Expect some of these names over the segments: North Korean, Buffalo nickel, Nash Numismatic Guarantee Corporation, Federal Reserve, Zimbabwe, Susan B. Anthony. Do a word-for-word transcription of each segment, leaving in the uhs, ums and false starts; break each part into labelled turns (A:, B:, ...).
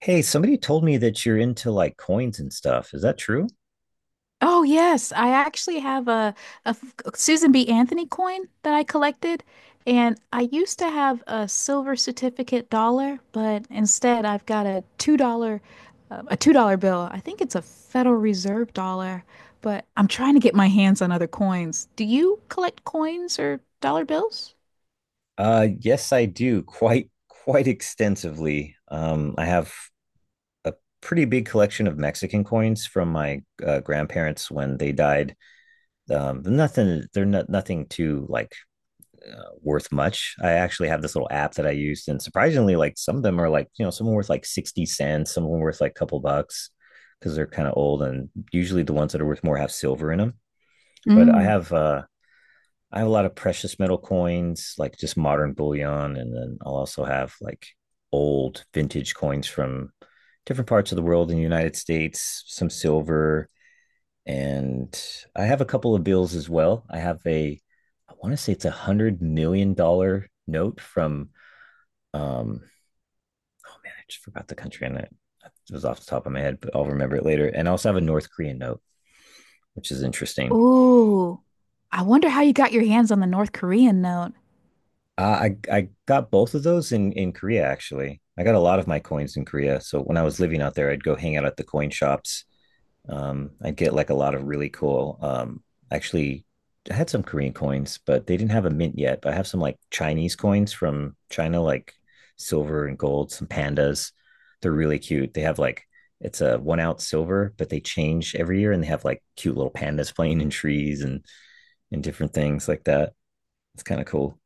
A: Hey, somebody told me that you're into like coins and stuff. Is that true?
B: Oh yes, I actually have a, a f- Susan B. Anthony coin that I collected, and I used to have a silver certificate dollar, but instead I've got a two dollar, uh, a two dollar bill. I think it's a Federal Reserve dollar, but I'm trying to get my hands on other coins. Do you collect coins or dollar bills?
A: Uh, yes, I do quite quite extensively. Um, I have a pretty big collection of Mexican coins from my uh, grandparents when they died. Um, nothing, they're not nothing too like uh, worth much. I actually have this little app that I used, and surprisingly, like some of them are like you know some are worth like sixty cents, some are worth like a couple bucks because they're kind of old, and usually the ones that are worth more have silver in them. But I
B: Mm.
A: have uh, I have a lot of precious metal coins, like just modern bullion, and then I'll also have like old vintage coins from different parts of the world in the United States, some silver, and I have a couple of bills as well. I have a I want to say it's a hundred million dollar note from um oh man, I just forgot the country and it It was off the top of my head, but I'll remember it later. And I also have a North Korean note, which is interesting.
B: Ooh, I wonder how you got your hands on the North Korean note.
A: Uh, I I got both of those in in Korea actually. I got a lot of my coins in Korea. So when I was living out there, I'd go hang out at the coin shops. Um, I'd get like a lot of really cool. Um, actually, I had some Korean coins, but they didn't have a mint yet. But I have some like Chinese coins from China, like silver and gold. Some pandas. They're really cute. They have like it's a one ounce silver, but they change every year, and they have like cute little pandas playing in trees and and different things like that. It's kind of cool.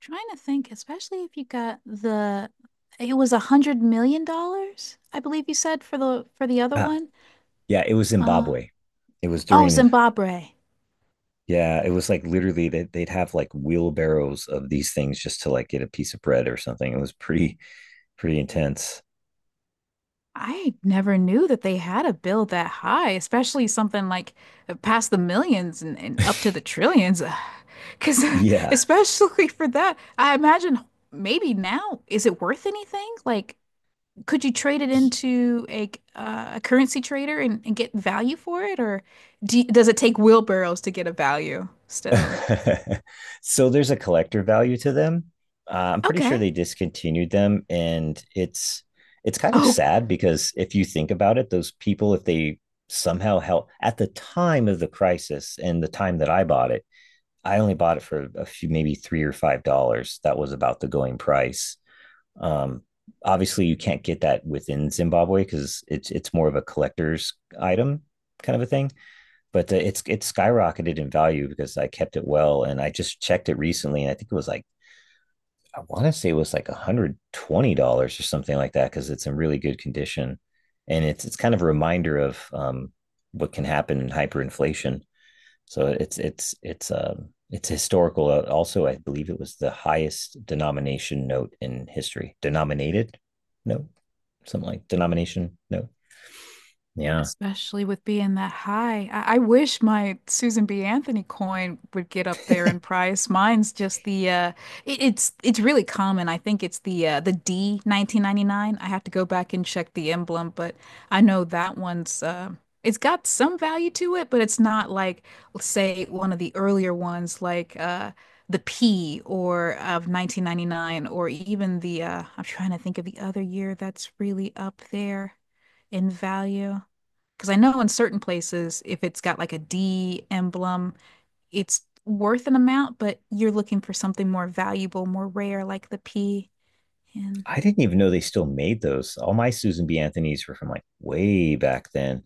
B: Trying to think, especially if you got the it was a hundred million dollars, I believe you said for the for the other
A: Uh,
B: one.
A: Yeah, it was
B: Uh
A: Zimbabwe. It was
B: oh,
A: during
B: Zimbabwe.
A: Yeah, it was like literally that they'd have like wheelbarrows of these things just to like get a piece of bread or something. It was pretty pretty intense.
B: I never knew that they had a bill that high, especially something like uh, past the millions and, and up to the trillions. Because
A: Yeah.
B: especially for that, I imagine maybe now, is it worth anything? Like could you trade it into a uh, a currency trader and, and get value for it, or do, does it take wheelbarrows to get a value still?
A: So there's a collector value to them. Uh, I'm pretty sure
B: Okay.
A: they discontinued them, and it's it's kind of
B: Oh.
A: sad because if you think about it, those people if they somehow help at the time of the crisis and the time that I bought it, I only bought it for a few, maybe three or five dollars. That was about the going price. Um, Obviously, you can't get that within Zimbabwe because it's it's more of a collector's item kind of a thing. But uh, it's it's skyrocketed in value because I kept it well, and I just checked it recently, and I think it was like I want to say it was like one hundred twenty dollars or something like that because it's in really good condition, and it's it's kind of a reminder of um, what can happen in hyperinflation, so it's it's it's um it's historical. Uh, Also, I believe it was the highest denomination note in history. Denominated note, something like denomination note. Yeah.
B: Especially with being that high. I, I wish my Susan B. Anthony coin would get up there in price. Mine's just the uh it, it's it's really common. I think it's the uh the D nineteen ninety-nine. I have to go back and check the emblem, but I know that one's uh, it's got some value to it, but it's not like, let's say, one of the earlier ones like uh the P or of nineteen ninety-nine or even the uh I'm trying to think of the other year that's really up there in value. Because I know in certain places, if it's got like a D emblem, it's worth an amount, but you're looking for something more valuable, more rare, like the P. And
A: I didn't even know they still made those. All my Susan B. Anthony's were from like way back then.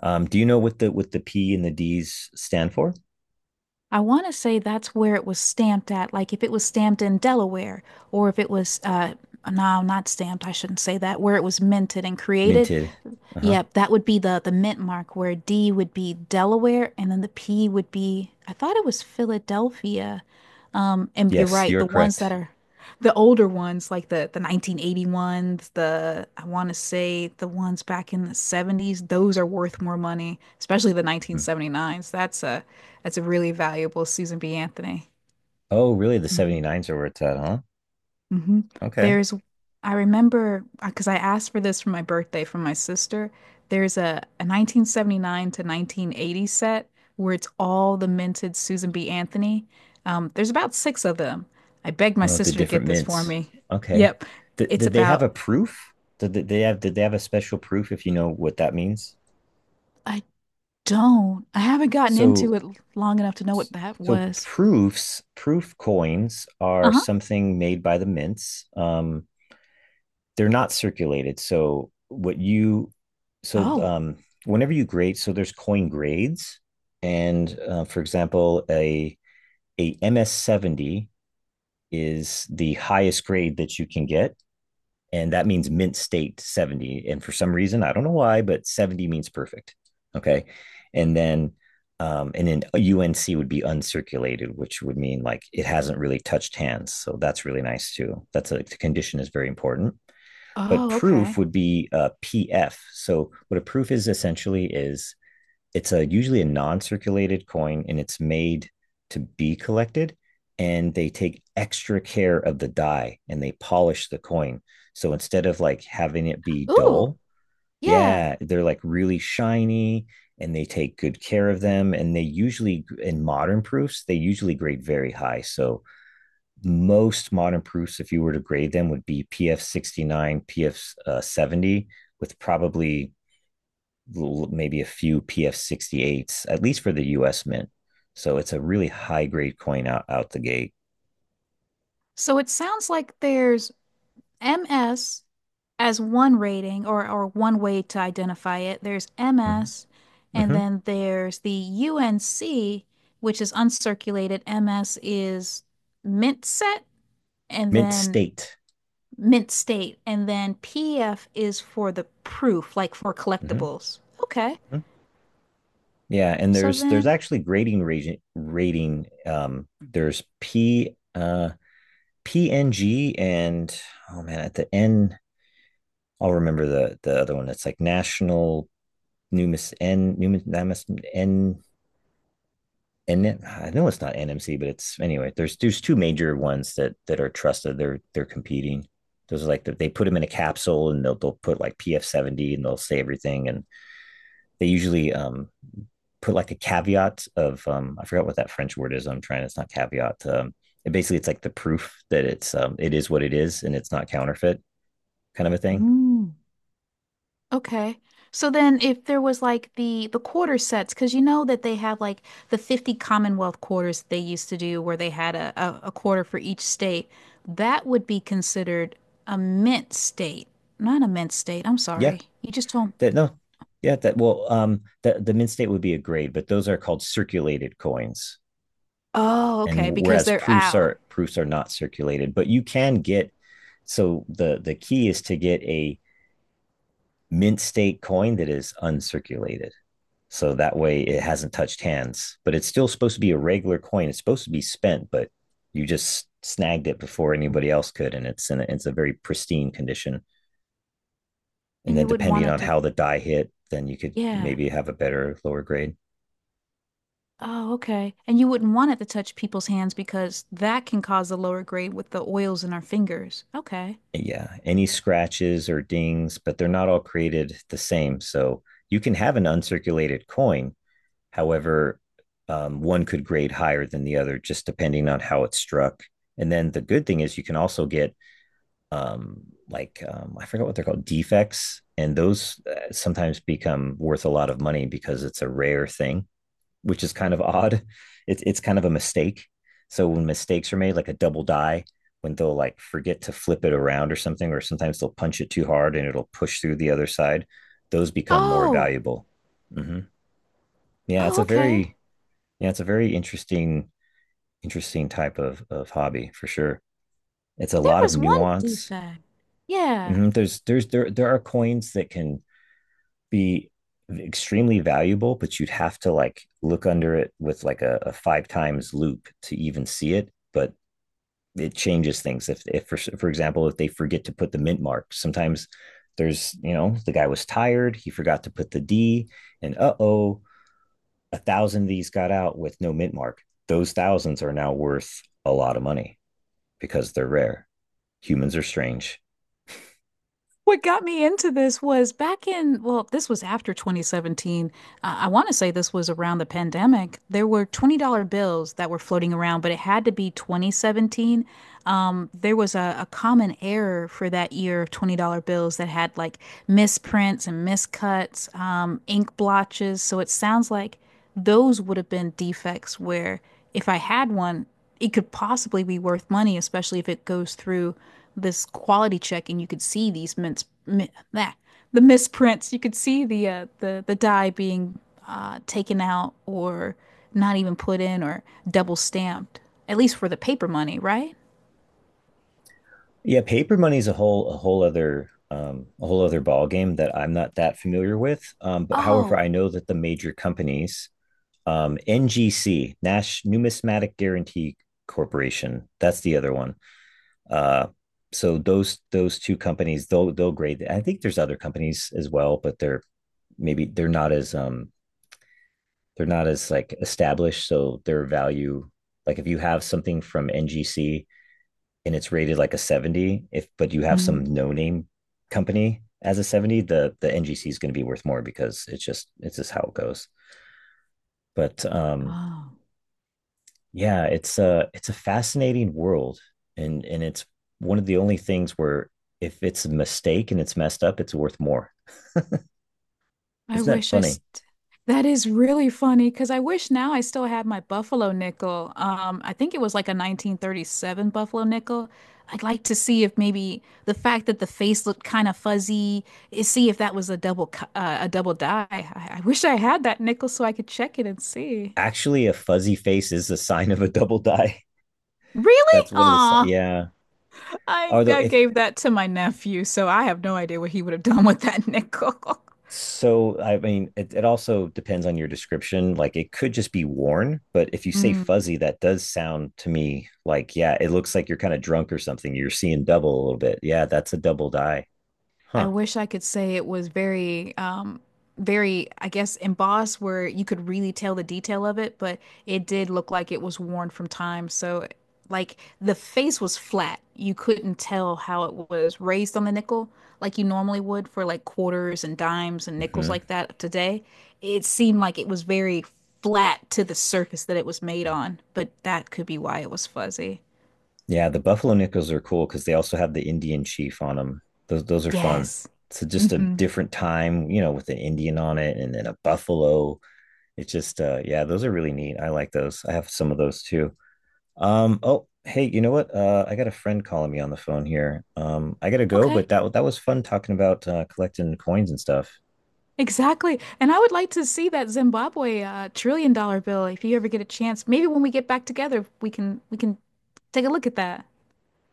A: Um, do you know what the what the P and the D's stand for?
B: I want to say that's where it was stamped at. Like if it was stamped in Delaware, or if it was, uh, no, not stamped, I shouldn't say that, where it was minted and created.
A: Minted. Uh-huh.
B: Yep, that would be the the mint mark where D would be Delaware and then the P would be, I thought, it was Philadelphia. Um, and you're
A: Yes,
B: right,
A: you're
B: the ones that
A: correct.
B: are the older ones like the the nineteen eighty ones, the, I want to say, the ones back in the seventies, those are worth more money, especially the
A: Mhm.
B: nineteen seventy-nines. That's a, that's a really valuable Susan B. Anthony.
A: Oh, really? The seventy-nines are where it's at, huh?
B: Hmm.
A: Okay.
B: There's, I remember because I asked for this for my birthday from my sister. There's a, a nineteen seventy-nine to nineteen eighty set where it's all the minted Susan B. Anthony. Um, there's about six of them. I begged my
A: Oh, the
B: sister to
A: different
B: get this for
A: mints.
B: me.
A: Okay.
B: Yep.
A: Did,
B: It's
A: did they have
B: about,
A: a proof? Did they have did they have a special proof, if you know what that means?
B: I don't, I haven't gotten
A: So
B: into it long enough to know what that
A: so
B: was.
A: proofs, proof coins are
B: Uh-huh.
A: something made by the mints. Um, they're not circulated. So what you so
B: Oh,
A: um Whenever you grade, so there's coin grades, and uh, for example, a a M S seventy is the highest grade that you can get, and that means mint state seventy. And for some reason, I don't know why, but seventy means perfect. Okay. And then um, and then unc would be uncirculated, which would mean like it hasn't really touched hands, so that's really nice too. That's a the condition is very important. But
B: oh,
A: proof
B: okay.
A: would be uh, pf. So what a proof is essentially is it's a usually a non-circulated coin, and it's made to be collected, and they take extra care of the die and they polish the coin. So instead of like having it be
B: Ooh,
A: dull,
B: yeah.
A: yeah, they're like really shiny, and they take good care of them, and they usually in modern proofs they usually grade very high. So most modern proofs, if you were to grade them, would be pf sixty-nine, pf, uh, seventy, with probably maybe a few P F sixty-eights, at least for the U S mint. So it's a really high grade coin out, out the gate.
B: So it sounds like there's M S as one rating, or, or one way to identify it. There's
A: Mhm.
B: M S, and
A: Mhm.
B: then there's the U N C, which is uncirculated. M S is mint set, and
A: Mint
B: then
A: state.
B: mint state, and then P F is for the proof, like for
A: Mhm.
B: collectibles. Okay.
A: Mhm. Yeah, and
B: So
A: there's there's
B: then,
A: actually grading rating, rating um there's P uh P N G, and oh man, at the N, I'll remember the the other one that's like national numis, N numis, N, and it- I know it's not N M C, but it's anyway. There's there's two major ones that that are trusted. They're they're competing. Those are like the, they put them in a capsule and they'll they'll put like P F seventy, and they'll say everything, and they usually um put like a caveat of um I forgot what that French word is. I'm trying. It's not caveat. Um, it basically it's like the proof that it's um it is what it is and it's not counterfeit, kind of a thing.
B: hmm. Okay. So then if there was like the the quarter sets, because you know that they have like the fifty Commonwealth quarters that they used to do where they had a, a, a quarter for each state, that would be considered a mint state. Not a mint state. I'm
A: Yeah.
B: sorry. You just told.
A: That no. Yeah. That, well, um The the mint state would be a grade, but those are called circulated coins,
B: Oh, okay,
A: and
B: because
A: whereas
B: they're
A: proofs
B: out.
A: are proofs are not circulated, but you can get so the the key is to get a mint state coin that is uncirculated, so that way it hasn't touched hands, but it's still supposed to be a regular coin. It's supposed to be spent, but you just snagged it before anybody else could, and it's in a, it's a very pristine condition. And
B: And
A: then
B: you wouldn't
A: depending
B: want it
A: on
B: to.
A: how the die hit, then you could
B: Yeah.
A: maybe have a better lower grade.
B: Oh, okay. And you wouldn't want it to touch people's hands because that can cause a lower grade with the oils in our fingers. Okay.
A: Yeah, any scratches or dings, but they're not all created the same. So you can have an uncirculated coin. However, um, one could grade higher than the other, just depending on how it struck. And then the good thing is you can also get um, like um, I forget what they're called, defects, and those uh, sometimes become worth a lot of money because it's a rare thing, which is kind of odd. It's it's kind of a mistake. So when mistakes are made, like a double die, when they'll like forget to flip it around or something, or sometimes they'll punch it too hard and it'll push through the other side, those become more
B: Oh,
A: valuable. Mm-hmm. Yeah, it's
B: oh,
A: a
B: okay.
A: very yeah, it's a very interesting interesting type of of hobby for sure. It's a
B: There
A: lot of
B: was one
A: nuance.
B: defect. Yeah.
A: Mm-hmm. There's there's there there are coins that can be extremely valuable, but you'd have to like look under it with like a, a five times loop to even see it. But it changes things. If, if for, for example, if they forget to put the mint mark, sometimes there's, you know, the guy was tired, he forgot to put the D, and uh oh, a thousand of these got out with no mint mark. Those thousands are now worth a lot of money because they're rare. Humans are strange.
B: What got me into this was back in, well, this was after twenty seventeen. Uh, I want to say this was around the pandemic. There were twenty dollars bills that were floating around, but it had to be twenty seventeen. Um, there was a, a common error for that year of twenty dollars bills that had like misprints and miscuts, um, ink blotches. So it sounds like those would have been defects where, if I had one, it could possibly be worth money, especially if it goes through this quality check and you could see these mints, mi that, the misprints. You could see the uh, the the die being uh, taken out, or not even put in, or double stamped, at least for the paper money, right?
A: Yeah, paper money is a whole a whole other um, a whole other ball game that I'm not that familiar with. Um, but however, I
B: Oh,
A: know that the major companies, um, N G C, Nash Numismatic Guarantee Corporation, that's the other one. Uh, so those those two companies, they'll they'll grade. I think there's other companies as well, but they're maybe they're not as um they're not as like established, so their value. Like if you have something from N G C and it's rated like a seventy, if but you have
B: hmm.
A: some no name company as a seventy, the the ngc is going to be worth more because it's just it's just how it goes, but um yeah, it's a it's a fascinating world, and and it's one of the only things where if it's a mistake and it's messed up, it's worth more.
B: I
A: Isn't that
B: wish I
A: funny?
B: st That is really funny because I wish now I still had my Buffalo nickel. Um, I think it was like a nineteen thirty-seven Buffalo nickel. I'd like to see if maybe the fact that the face looked kind of fuzzy, is see if that was a double co- uh, a double die. I, I wish I had that nickel so I could check it and see.
A: Actually, a fuzzy face is a sign of a double die.
B: Really?
A: That's one of the si-
B: Aw,
A: yeah.
B: I
A: Although
B: I
A: if
B: gave that to my nephew, so I have no idea what he would have done with that nickel.
A: so, I mean, it, it also depends on your description. Like it could just be worn, but if you say
B: Mm.
A: fuzzy, that does sound to me like yeah, it looks like you're kind of drunk or something. You're seeing double a little bit. Yeah, that's a double die,
B: I
A: huh?
B: wish I could say it was very, um, very, I guess, embossed, where you could really tell the detail of it, but it did look like it was worn from time. So, like, the face was flat. You couldn't tell how it was raised on the nickel like you normally would for like quarters and dimes and nickels
A: Hmm.
B: like that today. It seemed like it was very flat to the surface that it was made on, but that could be why it was fuzzy.
A: Yeah, the buffalo nickels are cool because they also have the Indian chief on them. Those those are fun.
B: Yes.
A: So just a
B: Hmm.
A: different time, you know, with an Indian on it, and then a buffalo. It's just uh yeah, those are really neat. I like those. I have some of those too. Um oh, hey, you know what? Uh I got a friend calling me on the phone here. Um I got to go,
B: Okay.
A: but that that was fun talking about uh collecting coins and stuff.
B: Exactly. And I would like to see that Zimbabwe uh, trillion dollar bill if you ever get a chance. Maybe when we get back together, we can we can take a look at that.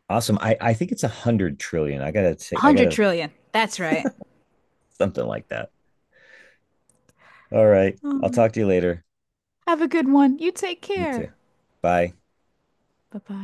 A: Awesome. I I think it's a one hundred trillion. I got to take I got
B: one hundred
A: to,
B: trillion. That's right.
A: something like that. All right. I'll talk
B: Mm.
A: to you later.
B: Have a good one. You take
A: You too.
B: care.
A: Bye.
B: Bye-bye.